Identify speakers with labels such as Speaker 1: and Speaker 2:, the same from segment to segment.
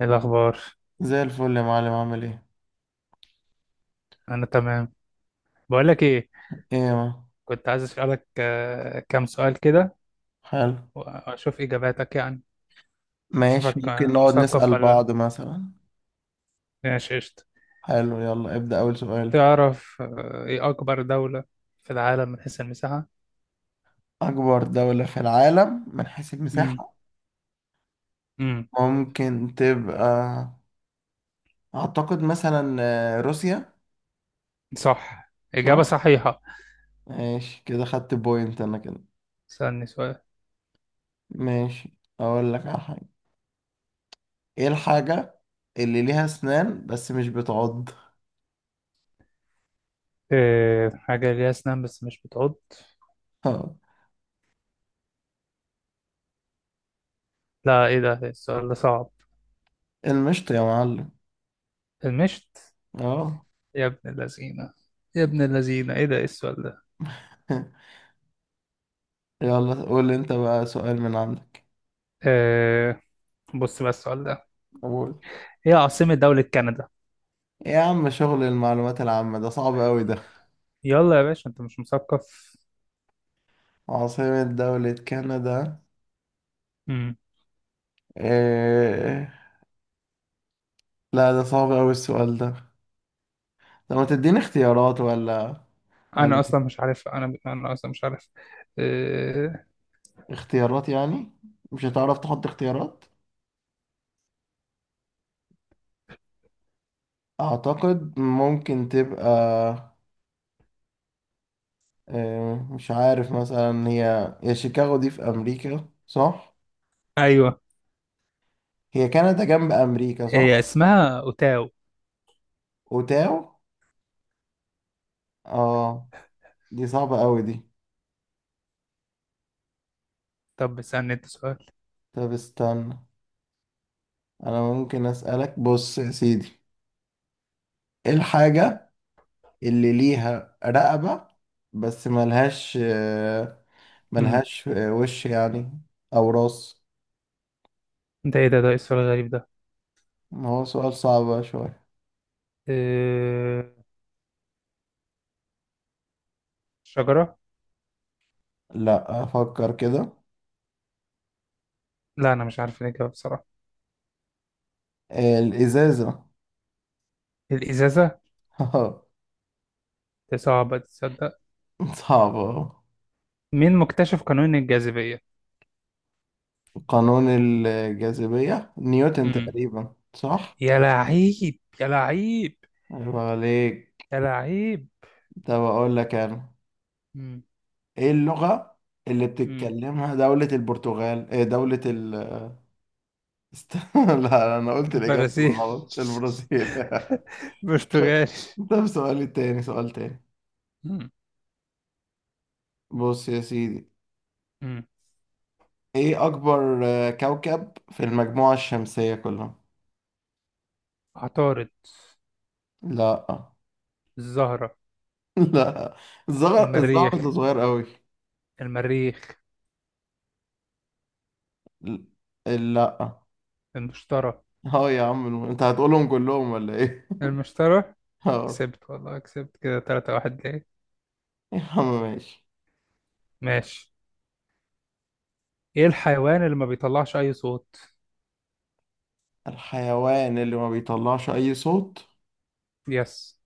Speaker 1: إيه الأخبار؟
Speaker 2: زي الفل يا معلم، عامل ايه؟
Speaker 1: أنا تمام. بقولك إيه.
Speaker 2: ايه يا معلم؟
Speaker 1: كنت عايز أسألك كام سؤال كده،
Speaker 2: حلو.
Speaker 1: وأشوف إجاباتك يعني.
Speaker 2: ماشي،
Speaker 1: أشوفك
Speaker 2: ممكن نقعد
Speaker 1: مثقف
Speaker 2: نسأل
Speaker 1: ولا لأ؟
Speaker 2: بعض مثلا.
Speaker 1: ماشي قشطة.
Speaker 2: حلو، يلا ابدأ أول سؤال.
Speaker 1: تعرف إيه أكبر دولة في العالم من حيث المساحة؟
Speaker 2: أكبر دولة في العالم من حيث
Speaker 1: امم
Speaker 2: المساحة،
Speaker 1: امم
Speaker 2: ممكن تبقى... أعتقد مثلا روسيا.
Speaker 1: صح،
Speaker 2: صح؟
Speaker 1: إجابة صحيحة.
Speaker 2: ماشي، كده خدت بوينت أنا كده.
Speaker 1: استني سؤال.
Speaker 2: ماشي، أقول لك على حاجة. ايه الحاجة اللي ليها أسنان بس مش بتعض؟
Speaker 1: إيه حاجة ليها أسنان بس مش بتعض؟ لا إيه ده، السؤال ده صعب.
Speaker 2: المشط يا معلم.
Speaker 1: المشت.
Speaker 2: اه.
Speaker 1: يا ابن اللذينة، يا ابن اللذينة إيه ده إيه السؤال ده؟
Speaker 2: يلا قول انت بقى سؤال من عندك.
Speaker 1: إيه، بص بقى السؤال ده، هي عاصمة دولة كندا.
Speaker 2: إيه يا عم، شغل المعلومات العامة ده صعب أوي ده.
Speaker 1: يلا يا باشا انت مش مثقف.
Speaker 2: عاصمة دولة كندا.
Speaker 1: مم.
Speaker 2: إيه... لا، ده صعب أوي السؤال ده. طب ما تديني اختيارات، ولا
Speaker 1: انا اصلا مش عارف، انا اصلا مش عارف. اه...
Speaker 2: اختيارات يعني؟ مش هتعرف تحط اختيارات. أعتقد ممكن تبقى... إيه... مش عارف مثلا، هي شيكاغو دي في أمريكا صح؟
Speaker 1: ايوه.
Speaker 2: هي كندا جنب أمريكا
Speaker 1: هي
Speaker 2: صح؟
Speaker 1: اسمها اوتاو.
Speaker 2: أوتاو. اه، دي صعبة أوي دي.
Speaker 1: طب اسالني انت سؤال.
Speaker 2: طب استنى، أنا ممكن أسألك. بص يا سيدي، ايه الحاجة اللي ليها رقبة بس ملهاش آه،
Speaker 1: مم.
Speaker 2: ملهاش آه، وش يعني او راس؟
Speaker 1: انت ايه ده، ايه السؤال الغريب ده؟
Speaker 2: ما هو سؤال صعب بقى شوية.
Speaker 1: اه... شجرة.
Speaker 2: لا، افكر كده.
Speaker 1: لا انا مش عارف الاجابه بصراحه.
Speaker 2: الازازة.
Speaker 1: الازازه. دي صعبه تصدق.
Speaker 2: صعبة.
Speaker 1: مين مكتشف قانون الجاذبيه؟
Speaker 2: قانون الجاذبية نيوتن
Speaker 1: مم.
Speaker 2: تقريبا، صح؟
Speaker 1: يا لعيب يا لعيب،
Speaker 2: عيب عليك.
Speaker 1: يا لعيب.
Speaker 2: طب اقول لك انا،
Speaker 1: مم.
Speaker 2: ايه اللغة اللي
Speaker 1: مم.
Speaker 2: بتتكلمها دولة البرتغال؟ إيه دولة ال است... لا، انا قلت الاجابة
Speaker 1: البرازيل.
Speaker 2: غلط، البرازيل. طب
Speaker 1: برتغالي.
Speaker 2: طب سؤال تاني سؤال تاني.
Speaker 1: مم.
Speaker 2: بص يا سيدي،
Speaker 1: مم.
Speaker 2: ايه اكبر كوكب في المجموعة الشمسية كلها؟
Speaker 1: عطارد.
Speaker 2: لا.
Speaker 1: الزهرة.
Speaker 2: لا، الزهر ده
Speaker 1: المريخ،
Speaker 2: صغير قوي.
Speaker 1: المريخ.
Speaker 2: لا.
Speaker 1: المشتري،
Speaker 2: اه يا عم، انت هتقولهم كلهم ولا ايه؟
Speaker 1: المشتري.
Speaker 2: اه.
Speaker 1: كسبت والله، كسبت كده تلاتة واحد ليه.
Speaker 2: يا عم ماشي.
Speaker 1: ماشي. ايه الحيوان اللي ما بيطلعش اي صوت؟
Speaker 2: الحيوان اللي ما بيطلعش اي صوت.
Speaker 1: يس.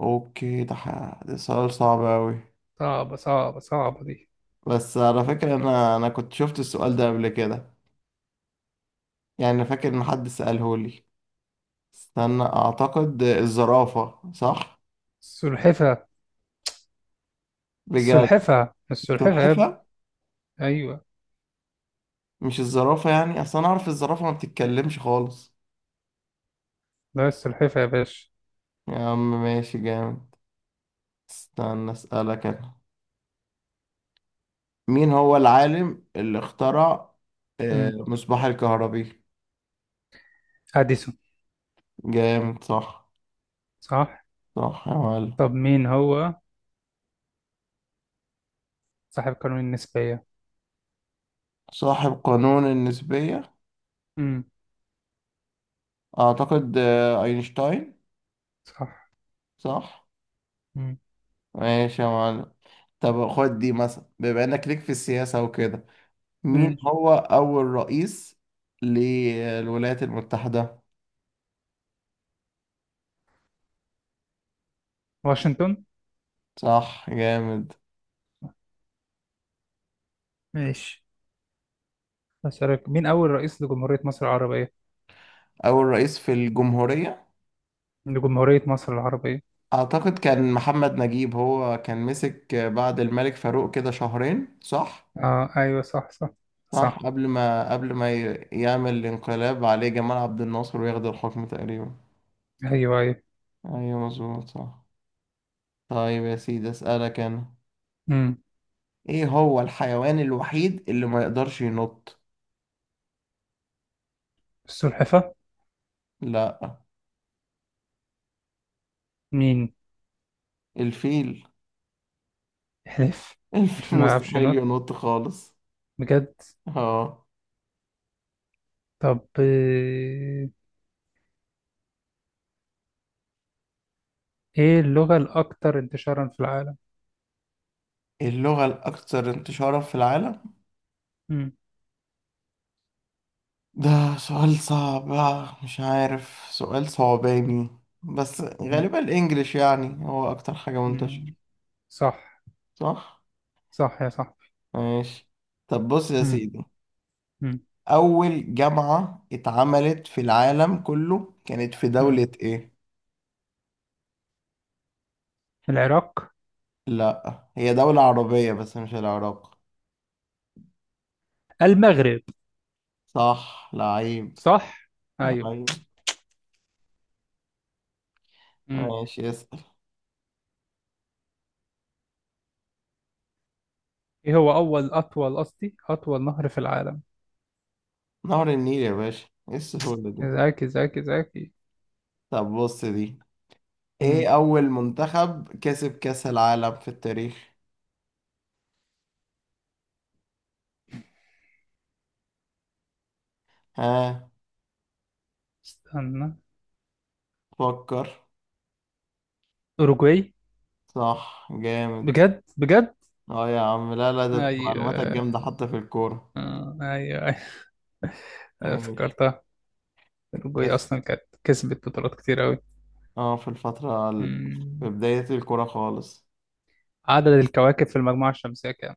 Speaker 2: اوكي، ده ده سؤال صعب قوي.
Speaker 1: صعبة صعبة صعبة دي.
Speaker 2: بس على فكرة انا كنت شفت السؤال ده قبل كده، يعني فاكر ان حد سأله لي. استنى، اعتقد الزرافة صح؟
Speaker 1: السلحفة.
Speaker 2: بجد؟
Speaker 1: السلحفة السلحفة يا ابني.
Speaker 2: السلحفة؟
Speaker 1: ايوه.
Speaker 2: مش الزرافة يعني؟ اصل انا اعرف الزرافة ما بتتكلمش خالص.
Speaker 1: لا السلحفة يا باشا.
Speaker 2: يا عم ماشي، جامد. استنى اسألك انا، مين هو العالم اللي اخترع
Speaker 1: امم.
Speaker 2: مصباح الكهربي؟
Speaker 1: اديسون.
Speaker 2: جامد، صح؟
Speaker 1: صح.
Speaker 2: صح يا معلم.
Speaker 1: طب مين هو صاحب قانون النسبية؟
Speaker 2: صاحب قانون النسبية؟
Speaker 1: امم.
Speaker 2: اعتقد اينشتاين.
Speaker 1: صح.
Speaker 2: صح.
Speaker 1: امم.
Speaker 2: ماشي يا معلم. طب خد دي مثلا، بما انك ليك في السياسة وكده، مين
Speaker 1: ماشي.
Speaker 2: هو أول رئيس للولايات المتحدة؟
Speaker 1: واشنطن.
Speaker 2: صح، جامد.
Speaker 1: ماشي. أسألك مين أول رئيس لجمهورية مصر العربية؟
Speaker 2: أول رئيس في الجمهورية،
Speaker 1: لجمهورية مصر العربية.
Speaker 2: أعتقد كان محمد نجيب، هو كان مسك بعد الملك فاروق كده شهرين، صح؟
Speaker 1: آه أيوة صح صح.
Speaker 2: صح،
Speaker 1: صح.
Speaker 2: قبل ما يعمل الانقلاب عليه جمال عبد الناصر وياخد الحكم تقريبا.
Speaker 1: أيوة أيوة.
Speaker 2: أيوه مظبوط، صح. طيب يا سيدي، أسألك أنا،
Speaker 1: أمم.
Speaker 2: إيه هو الحيوان الوحيد اللي ما يقدرش ينط؟
Speaker 1: السلحفة.
Speaker 2: لا.
Speaker 1: مين؟
Speaker 2: الفيل.
Speaker 1: حلف.
Speaker 2: الفيل
Speaker 1: الفيلم ما يعرفش
Speaker 2: مستحيل
Speaker 1: ينط؟
Speaker 2: ينط خالص.
Speaker 1: بجد.
Speaker 2: اه.
Speaker 1: طب إيه اللغة الأكثر انتشارا في العالم؟
Speaker 2: اللغة الأكثر انتشارا في العالم.
Speaker 1: أمم.
Speaker 2: ده سؤال صعب، مش عارف، سؤال صعباني. بس
Speaker 1: أمم.
Speaker 2: غالبا الإنجليش يعني، هو أكتر حاجة منتشرة.
Speaker 1: أمم. صح.
Speaker 2: صح؟
Speaker 1: صح يا صح.
Speaker 2: ماشي. طب بص يا
Speaker 1: أمم.
Speaker 2: سيدي،
Speaker 1: أمم.
Speaker 2: أول جامعة اتعملت في العالم كله كانت في
Speaker 1: أمم.
Speaker 2: دولة إيه؟
Speaker 1: العراق.
Speaker 2: لأ، هي دولة عربية بس مش العراق.
Speaker 1: المغرب.
Speaker 2: صح، لعيب.
Speaker 1: صح. أيوة.
Speaker 2: لعيب.
Speaker 1: أمم.
Speaker 2: ماشي، اسأل.
Speaker 1: إيه هو أول، أطول قصدي، أطول نهر في العالم؟
Speaker 2: نهر النيل يا باشا، إيه السهولة دي؟
Speaker 1: ذكي ذكي ذكي.
Speaker 2: طب بص دي،
Speaker 1: أمم.
Speaker 2: ايه اول منتخب كسب كأس العالم في التاريخ؟ ها،
Speaker 1: استنى.
Speaker 2: فكر.
Speaker 1: أوروجواي.
Speaker 2: صح، جامد.
Speaker 1: بجد بجد.
Speaker 2: اه يا عم، لا لا، ده انت معلوماتك
Speaker 1: ايوه.
Speaker 2: جامدة حتى في الكورة.
Speaker 1: ايوه أيوة.
Speaker 2: ماشي.
Speaker 1: افتكرتها. الجوي
Speaker 2: اسم...
Speaker 1: اصلا كانت كسبت بطولات كتير قوي.
Speaker 2: اه، في الفترة
Speaker 1: مم.
Speaker 2: في بداية الكورة خالص.
Speaker 1: عدد الكواكب في المجموعة الشمسية كام؟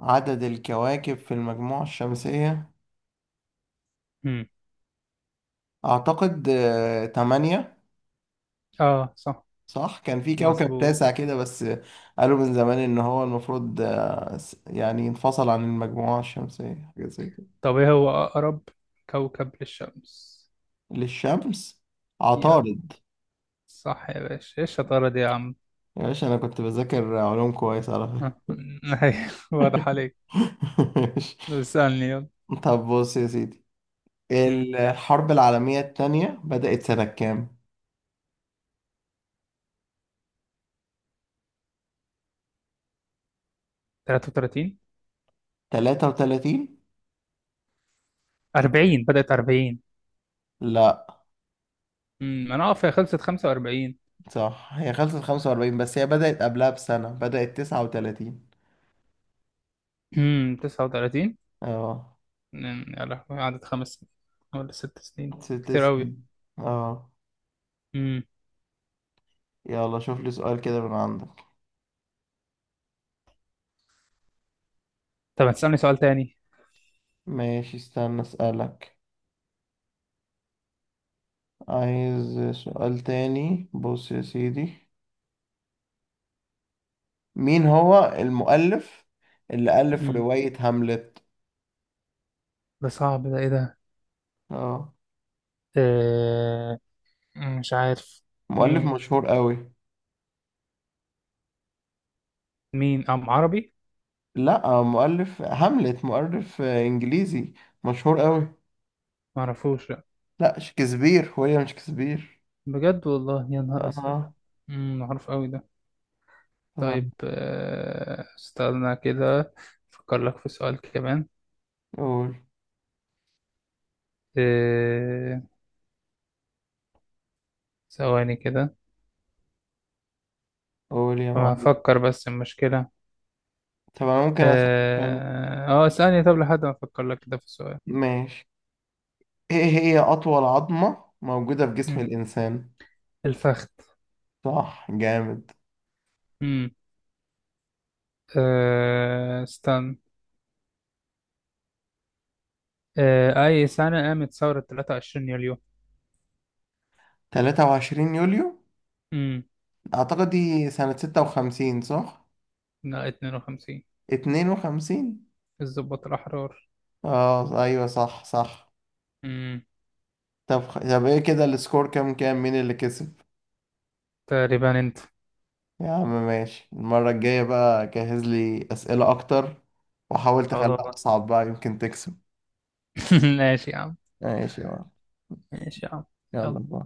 Speaker 2: عدد الكواكب في المجموعة الشمسية.
Speaker 1: مم.
Speaker 2: اعتقد تمانية.
Speaker 1: اه صح.
Speaker 2: صح، كان في كوكب
Speaker 1: مظبوط.
Speaker 2: تاسع كده بس، قالوا من زمان ان هو المفروض يعني انفصل عن المجموعة الشمسية حاجة زي...
Speaker 1: طب ايه هو اقرب كوكب للشمس؟
Speaker 2: للشمس،
Speaker 1: يلا.
Speaker 2: عطارد.
Speaker 1: صح يا باشا، ايه الشطارة دي يا عم.
Speaker 2: يا باشا، انا كنت بذاكر علوم كويس على
Speaker 1: ها.
Speaker 2: فكرة.
Speaker 1: أيوة، واضح عليك.
Speaker 2: ماشي.
Speaker 1: طب اسألني يلا.
Speaker 2: طب بص يا سيدي،
Speaker 1: مم.
Speaker 2: الحرب العالمية التانية بدأت سنة كام؟
Speaker 1: 33.
Speaker 2: 33؟
Speaker 1: 40، بدأت 40.
Speaker 2: لا.
Speaker 1: مم. انا اقف، هي خلصت 45.
Speaker 2: صح هي خلصت 45 بس هي بدأت قبلها بسنة، بدأت 39.
Speaker 1: مم. 39.
Speaker 2: اه.
Speaker 1: أمم، يا لهوي قعدت 5 سنين ولا 6 سنين.
Speaker 2: ست
Speaker 1: كتير
Speaker 2: سنين.
Speaker 1: أوي.
Speaker 2: اه.
Speaker 1: امم.
Speaker 2: يلا شوف لي سؤال كده من عندك.
Speaker 1: طب هتسألني سؤال تاني.
Speaker 2: ماشي، استنى اسألك. عايز سؤال تاني، بص يا سيدي، مين هو المؤلف اللي ألف
Speaker 1: امم.
Speaker 2: رواية هاملت؟
Speaker 1: ده صعب ده، إيه ده؟
Speaker 2: اه.
Speaker 1: آه... مش عارف.
Speaker 2: مؤلف
Speaker 1: مين؟
Speaker 2: مشهور قوي.
Speaker 1: مين أم عربي؟
Speaker 2: لا، مؤلف هاملت، مؤلف إنجليزي مشهور قوي.
Speaker 1: معرفوش لأ.
Speaker 2: لا، شكسبير، ويليام شكسبير.
Speaker 1: بجد والله، يا نهار أزرق.
Speaker 2: اه،
Speaker 1: امم، معروف أوي ده. طيب
Speaker 2: تمام.
Speaker 1: استنى كده أفكر لك في سؤال كمان.
Speaker 2: قول.
Speaker 1: آه، ثواني كده.
Speaker 2: قول يا
Speaker 1: ما
Speaker 2: معلم.
Speaker 1: هفكر بس المشكلة.
Speaker 2: طب أنا ممكن أسألك أنا.
Speaker 1: اه ثانية، طب لحد ما أفكر لك كده في سؤال.
Speaker 2: ماشي، إيه هي أطول عظمة موجودة في جسم
Speaker 1: مم.
Speaker 2: الإنسان؟
Speaker 1: الفخذ.
Speaker 2: صح، جامد.
Speaker 1: مم. استنى. أي سنة قامت ثورة 23 يوليو؟
Speaker 2: 23 يوليو،
Speaker 1: مم.
Speaker 2: أعتقد دي سنة 56، صح؟
Speaker 1: لا 52.
Speaker 2: 52.
Speaker 1: الضباط الأحرار.
Speaker 2: اه، ايوه صح صح.
Speaker 1: مم.
Speaker 2: طب طب ايه كده السكور؟ كام كام، مين اللي كسب؟
Speaker 1: تقريبا أنت.
Speaker 2: يا عم ماشي. المرة الجاية بقى جهز لي أسئلة أكتر، وحاول تخليها
Speaker 1: خلاص.
Speaker 2: أصعب بقى، يمكن تكسب.
Speaker 1: ماشي يا عم.
Speaker 2: ماشي يا معلم.
Speaker 1: ماشي يا عم.
Speaker 2: يلا
Speaker 1: يلا.
Speaker 2: باي.